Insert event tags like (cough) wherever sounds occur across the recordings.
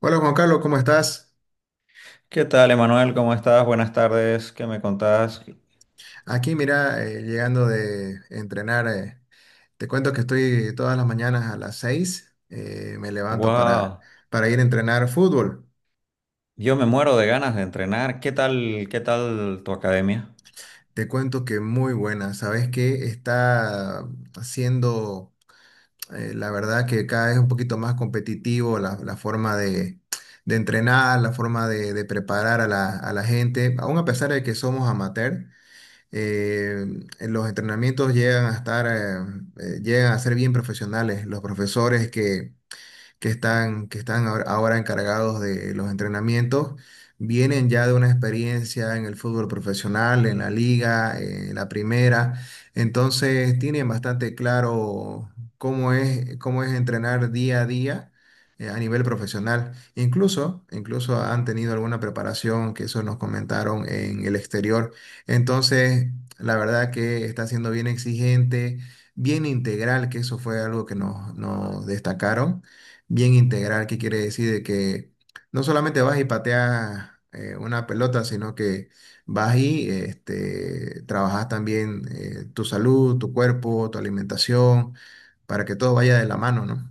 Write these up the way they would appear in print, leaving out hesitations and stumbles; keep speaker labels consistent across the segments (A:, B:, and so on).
A: Hola Juan Carlos, ¿cómo estás?
B: ¿Qué tal, Emanuel? ¿Cómo estás? Buenas tardes. ¿Qué me contás?
A: Aquí mira, llegando de entrenar. Te cuento que estoy todas las mañanas a las 6, me levanto para,
B: Wow,
A: ir a entrenar fútbol.
B: yo me muero de ganas de entrenar. Qué tal tu academia?
A: Te cuento que muy buena, sabes que está haciendo, la verdad que cada vez un poquito más competitivo la forma de entrenar, la forma de preparar a la gente, aún a pesar de que somos amateur. eh, en los entrenamientos llegan a ser bien profesionales. Los profesores que están ahora ahora encargados de los entrenamientos, vienen ya de una experiencia en el fútbol profesional, en la liga, en la primera. Entonces tienen bastante claro cómo es entrenar día a día, a nivel profesional. Incluso han tenido alguna preparación que eso nos comentaron en el exterior. Entonces, la verdad que está siendo bien exigente, bien integral, que eso fue algo que nos destacaron. Bien integral, que quiere decir de que no solamente vas y pateas, una pelota, sino que vas y este, trabajas también, tu salud, tu cuerpo, tu alimentación, para que todo vaya de la mano, ¿no?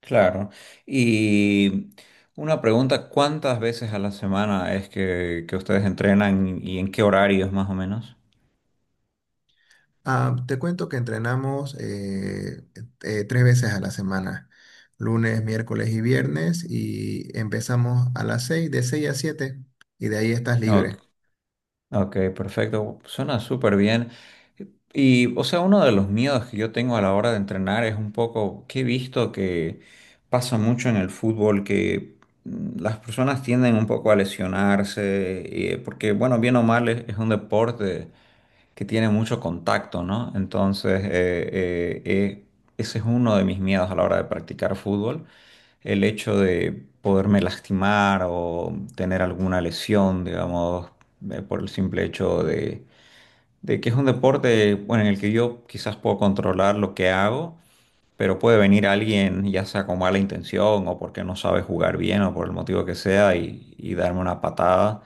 B: Claro. Y una pregunta, ¿cuántas veces a la semana es que ustedes entrenan y en qué horarios más o menos?
A: Ah, te cuento que entrenamos 3 veces a la semana, lunes, miércoles y viernes, y empezamos a las 6, de 6 a 7, y de ahí estás libre.
B: Ok, perfecto. Suena súper bien. Y, o sea, uno de los miedos que yo tengo a la hora de entrenar es un poco que he visto que pasa mucho en el fútbol, que las personas tienden un poco a lesionarse, porque, bueno, bien o mal es un deporte que tiene mucho contacto, ¿no? Entonces, ese es uno de mis miedos a la hora de practicar fútbol, el hecho de poderme lastimar o tener alguna lesión, digamos, por el simple hecho de que es un deporte, bueno, en el que yo quizás puedo controlar lo que hago, pero puede venir alguien, ya sea con mala intención o porque no sabe jugar bien o por el motivo que sea, y darme una patada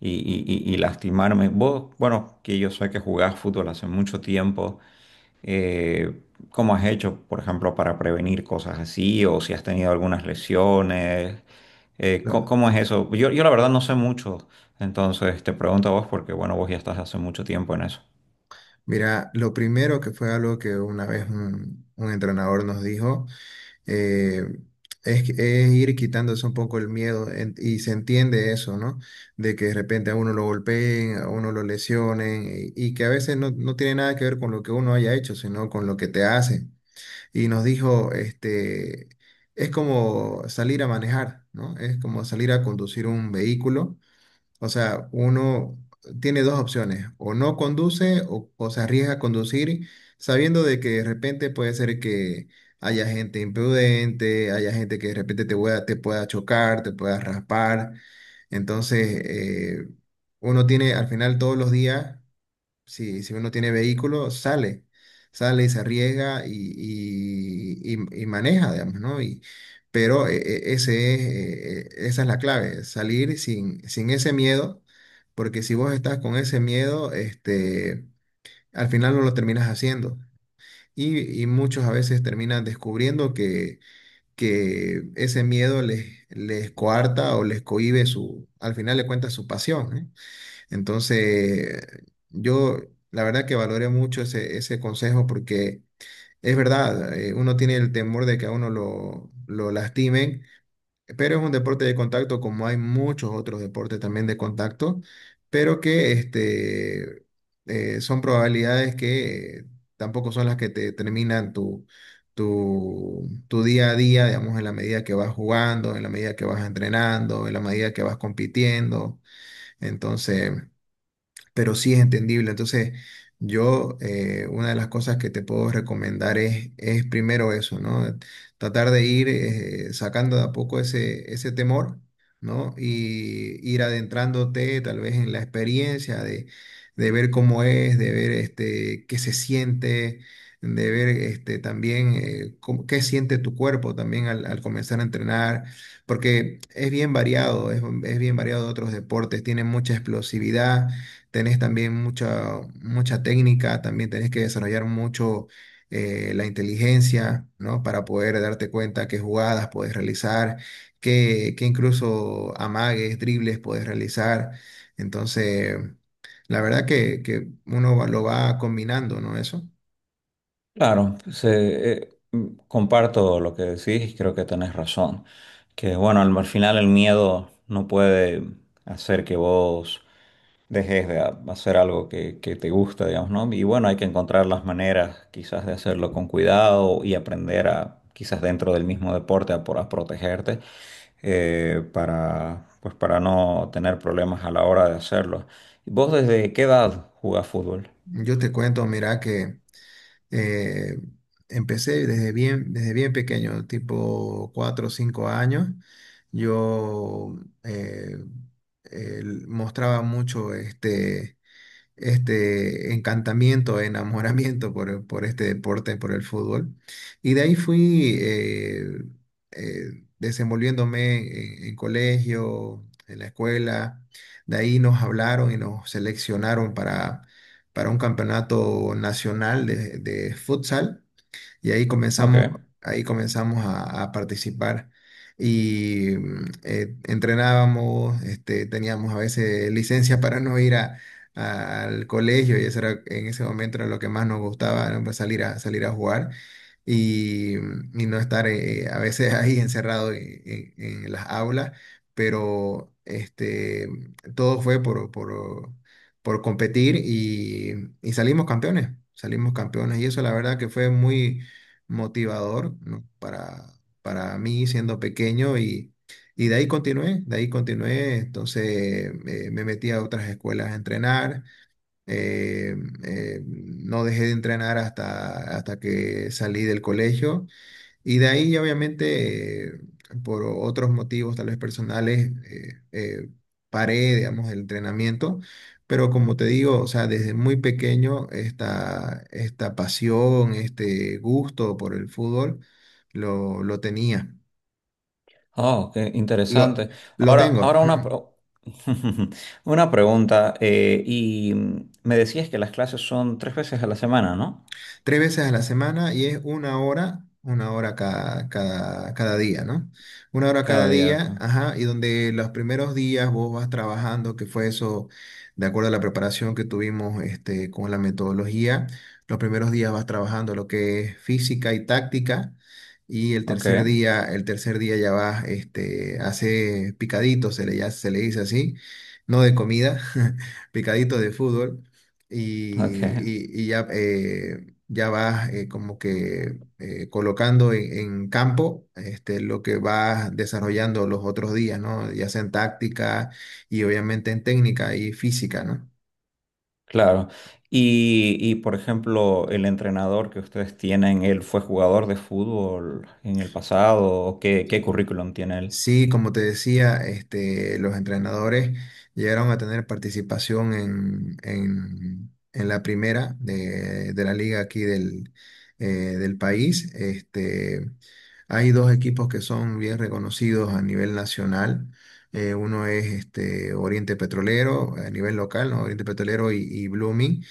B: y, y- y lastimarme. Vos, bueno, que yo sé que jugás fútbol hace mucho tiempo, eh, ¿cómo has hecho, por ejemplo, para prevenir cosas así? ¿O si has tenido algunas lesiones? ¿Cómo,
A: ¿No?
B: cómo es eso? Yo la verdad no sé mucho, entonces te pregunto a vos porque, bueno, vos ya estás hace mucho tiempo en eso.
A: Mira, lo primero que fue algo que una vez un entrenador nos dijo, eh, es, que- es ir quitándose un poco el miedo, y se entiende eso, ¿no? De que de repente a uno lo golpeen, a uno lo lesionen, y que a veces no tiene nada que ver con lo que uno haya hecho, sino con lo que te hacen. Y nos dijo, este, es como salir a manejar, ¿no? Es como salir a conducir un vehículo. O sea, uno tiene dos opciones: o no conduce, o se arriesga a conducir sabiendo de que de repente puede ser que haya gente imprudente, haya gente que de repente te pueda, chocar, te pueda raspar. Entonces, uno tiene al final todos los días. Si uno tiene vehículo, sale, sale y se arriesga y maneja, digamos, ¿no? Pero esa es la clave, salir sin ese miedo, porque si vos estás con ese miedo, este, al final no lo terminas haciendo. Y muchos a veces terminan descubriendo que ese miedo les coarta o les cohíbe su, al final le cuenta su pasión, ¿eh? Entonces, yo la verdad que valoré mucho ese consejo, porque es verdad. Uno tiene el temor de que a uno lo lastimen, pero es un deporte de contacto como hay muchos otros deportes también de contacto, pero que este, son probabilidades que, tampoco son las que te terminan tu, tu día a día, digamos, en la medida que vas jugando, en la medida que vas entrenando, en la medida que vas compitiendo. Entonces, pero sí es entendible. Entonces, yo, una de las cosas que te puedo recomendar es primero eso, ¿no? Tratar de ir, sacando de a poco ese temor, ¿no? Y ir adentrándote tal vez en la experiencia de ver cómo es, de ver este, qué se siente. De ver este, también, qué siente tu cuerpo también al comenzar a entrenar, porque es bien variado, es bien variado de otros deportes, tiene mucha explosividad, tenés también mucha, mucha técnica, también tenés que desarrollar mucho, la inteligencia, ¿no? Para poder darte cuenta qué jugadas puedes realizar, qué incluso amagues, dribles puedes realizar. Entonces, la verdad que lo va combinando, ¿no? Eso.
B: Claro, comparto lo que decís, creo que tenés razón. Que bueno, al final el miedo no puede hacer que vos dejes de hacer algo que te gusta, digamos, ¿no? Y bueno, hay que encontrar las maneras quizás de hacerlo con cuidado y aprender a, quizás dentro del mismo deporte, a, a protegerte para, pues, para no tener problemas a la hora de hacerlo. ¿Vos desde qué edad jugás fútbol?
A: Yo te cuento, mira que. Eh, empecé desde bien pequeño, tipo 4 o 5 años. Yo, eh, mostraba mucho este, encantamiento, enamoramiento por este deporte, por el fútbol. Y de ahí fui, desenvolviéndome en colegio, en la escuela. De ahí nos hablaron y nos seleccionaron para un campeonato nacional de futsal, y
B: Ok.
A: ahí comenzamos a participar. Y entrenábamos, este, teníamos a veces licencia para no ir al colegio, y eso era, en ese momento era lo que más nos gustaba, ¿no? Pues salir a, salir a jugar y, y no estar, a veces (laughs) ahí encerrado en las aulas, pero este, todo fue por competir, y salimos campeones, salimos campeones, y eso la verdad que fue muy motivador, ¿no? Para mí siendo pequeño. Y de ahí continué, de ahí continué. Entonces, me metí a otras escuelas a entrenar, eh, no dejé de entrenar hasta que salí del colegio, y de ahí, obviamente, por otros motivos, tal vez personales, paré, digamos, el entrenamiento. Pero como te digo, o sea, desde muy pequeño esta pasión, este gusto por el fútbol, lo tenía.
B: Oh, qué
A: Lo,
B: interesante.
A: lo
B: Ahora,
A: tengo.
B: ahora una, (laughs) una pregunta. Eh, y me decías que las clases son tres veces a la semana, ¿no?
A: 3 veces a la semana, y es una hora, cada, cada día, ¿no? Una hora cada
B: Cada día, ok.
A: día, ajá, y donde los primeros días vos vas trabajando, que fue eso, de acuerdo a la preparación que tuvimos, este, con la metodología, los primeros días vas trabajando lo que es física y táctica. Y
B: Ok,
A: el tercer día ya vas, este, hace picaditos, ya se le dice así, no de comida, (laughs) picaditos de fútbol, y,
B: ok,
A: ya, ya vas, como que, colocando en campo, este, lo que vas desarrollando los otros días, ¿no? Ya sea en táctica y obviamente en técnica y física, ¿no?
B: claro. Y, por ejemplo, el entrenador que ustedes tienen, ¿él fue jugador de fútbol en el pasado? ¿O qué, qué currículum tiene él?
A: Sí, como te decía, este, los entrenadores llegaron a tener participación en la primera de la liga aquí del, del país. Este, hay dos equipos que son bien reconocidos a nivel nacional. Uno es este, Oriente Petrolero a nivel local, ¿no? Oriente Petrolero y Blooming.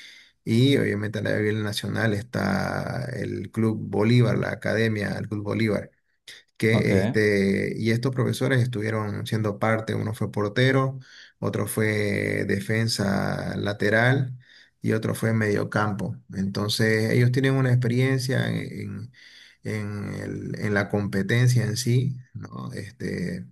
A: Y obviamente a nivel nacional está el Club Bolívar, la Academia del Club Bolívar,
B: Ok.
A: que este, y estos profesores estuvieron siendo parte. Uno fue portero, otro fue defensa lateral y otro fue mediocampo. Entonces, ellos tienen una experiencia en la competencia en sí, ¿no? Este,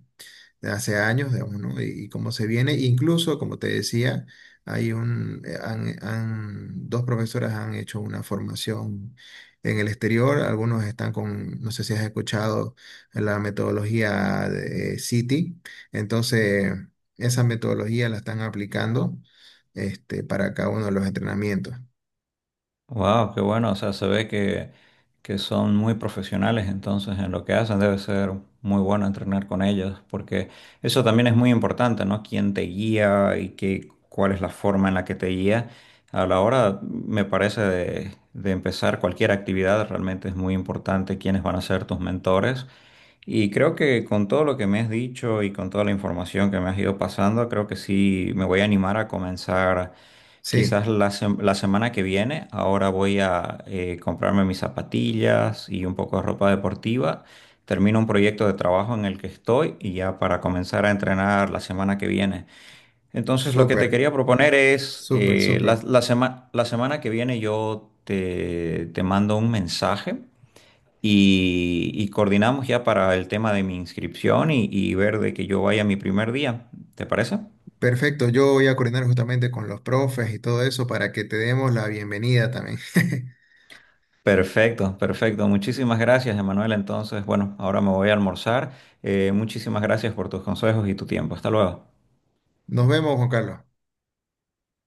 A: de hace años, digamos, ¿no? Y cómo se viene. Incluso, como te decía, hay un, han, han- dos profesoras han hecho una formación en el exterior. Algunos están con, no sé si has escuchado la metodología de City. Entonces, esa metodología la están aplicando, este, para cada uno de los entrenamientos.
B: Wow, qué bueno. O sea, se ve que son muy profesionales entonces en lo que hacen. Debe ser muy bueno entrenar con ellos, porque eso también es muy importante, ¿no? Quién te guía y qué, cuál es la forma en la que te guía. A la hora, me parece, de empezar cualquier actividad, realmente es muy importante quiénes van a ser tus mentores. Y creo que con todo lo que me has dicho y con toda la información que me has ido pasando, creo que sí me voy a animar a comenzar.
A: Sí,
B: Quizás la, la semana que viene, ahora voy a comprarme mis zapatillas y un poco de ropa deportiva. Termino un proyecto de trabajo en el que estoy y ya para comenzar a entrenar la semana que viene. Entonces, lo que te
A: súper,
B: quería proponer es,
A: súper,
B: la,
A: súper.
B: la semana que viene yo te mando un mensaje y coordinamos ya para el tema de mi inscripción y ver de que yo vaya mi primer día. ¿Te parece?
A: Perfecto, yo voy a coordinar justamente con los profes y todo eso para que te demos la bienvenida también. (laughs)
B: Perfecto, perfecto. Muchísimas gracias, Emanuel. Entonces, bueno, ahora me voy a almorzar. Muchísimas gracias por tus consejos y tu tiempo. Hasta luego.
A: Nos vemos, Juan Carlos.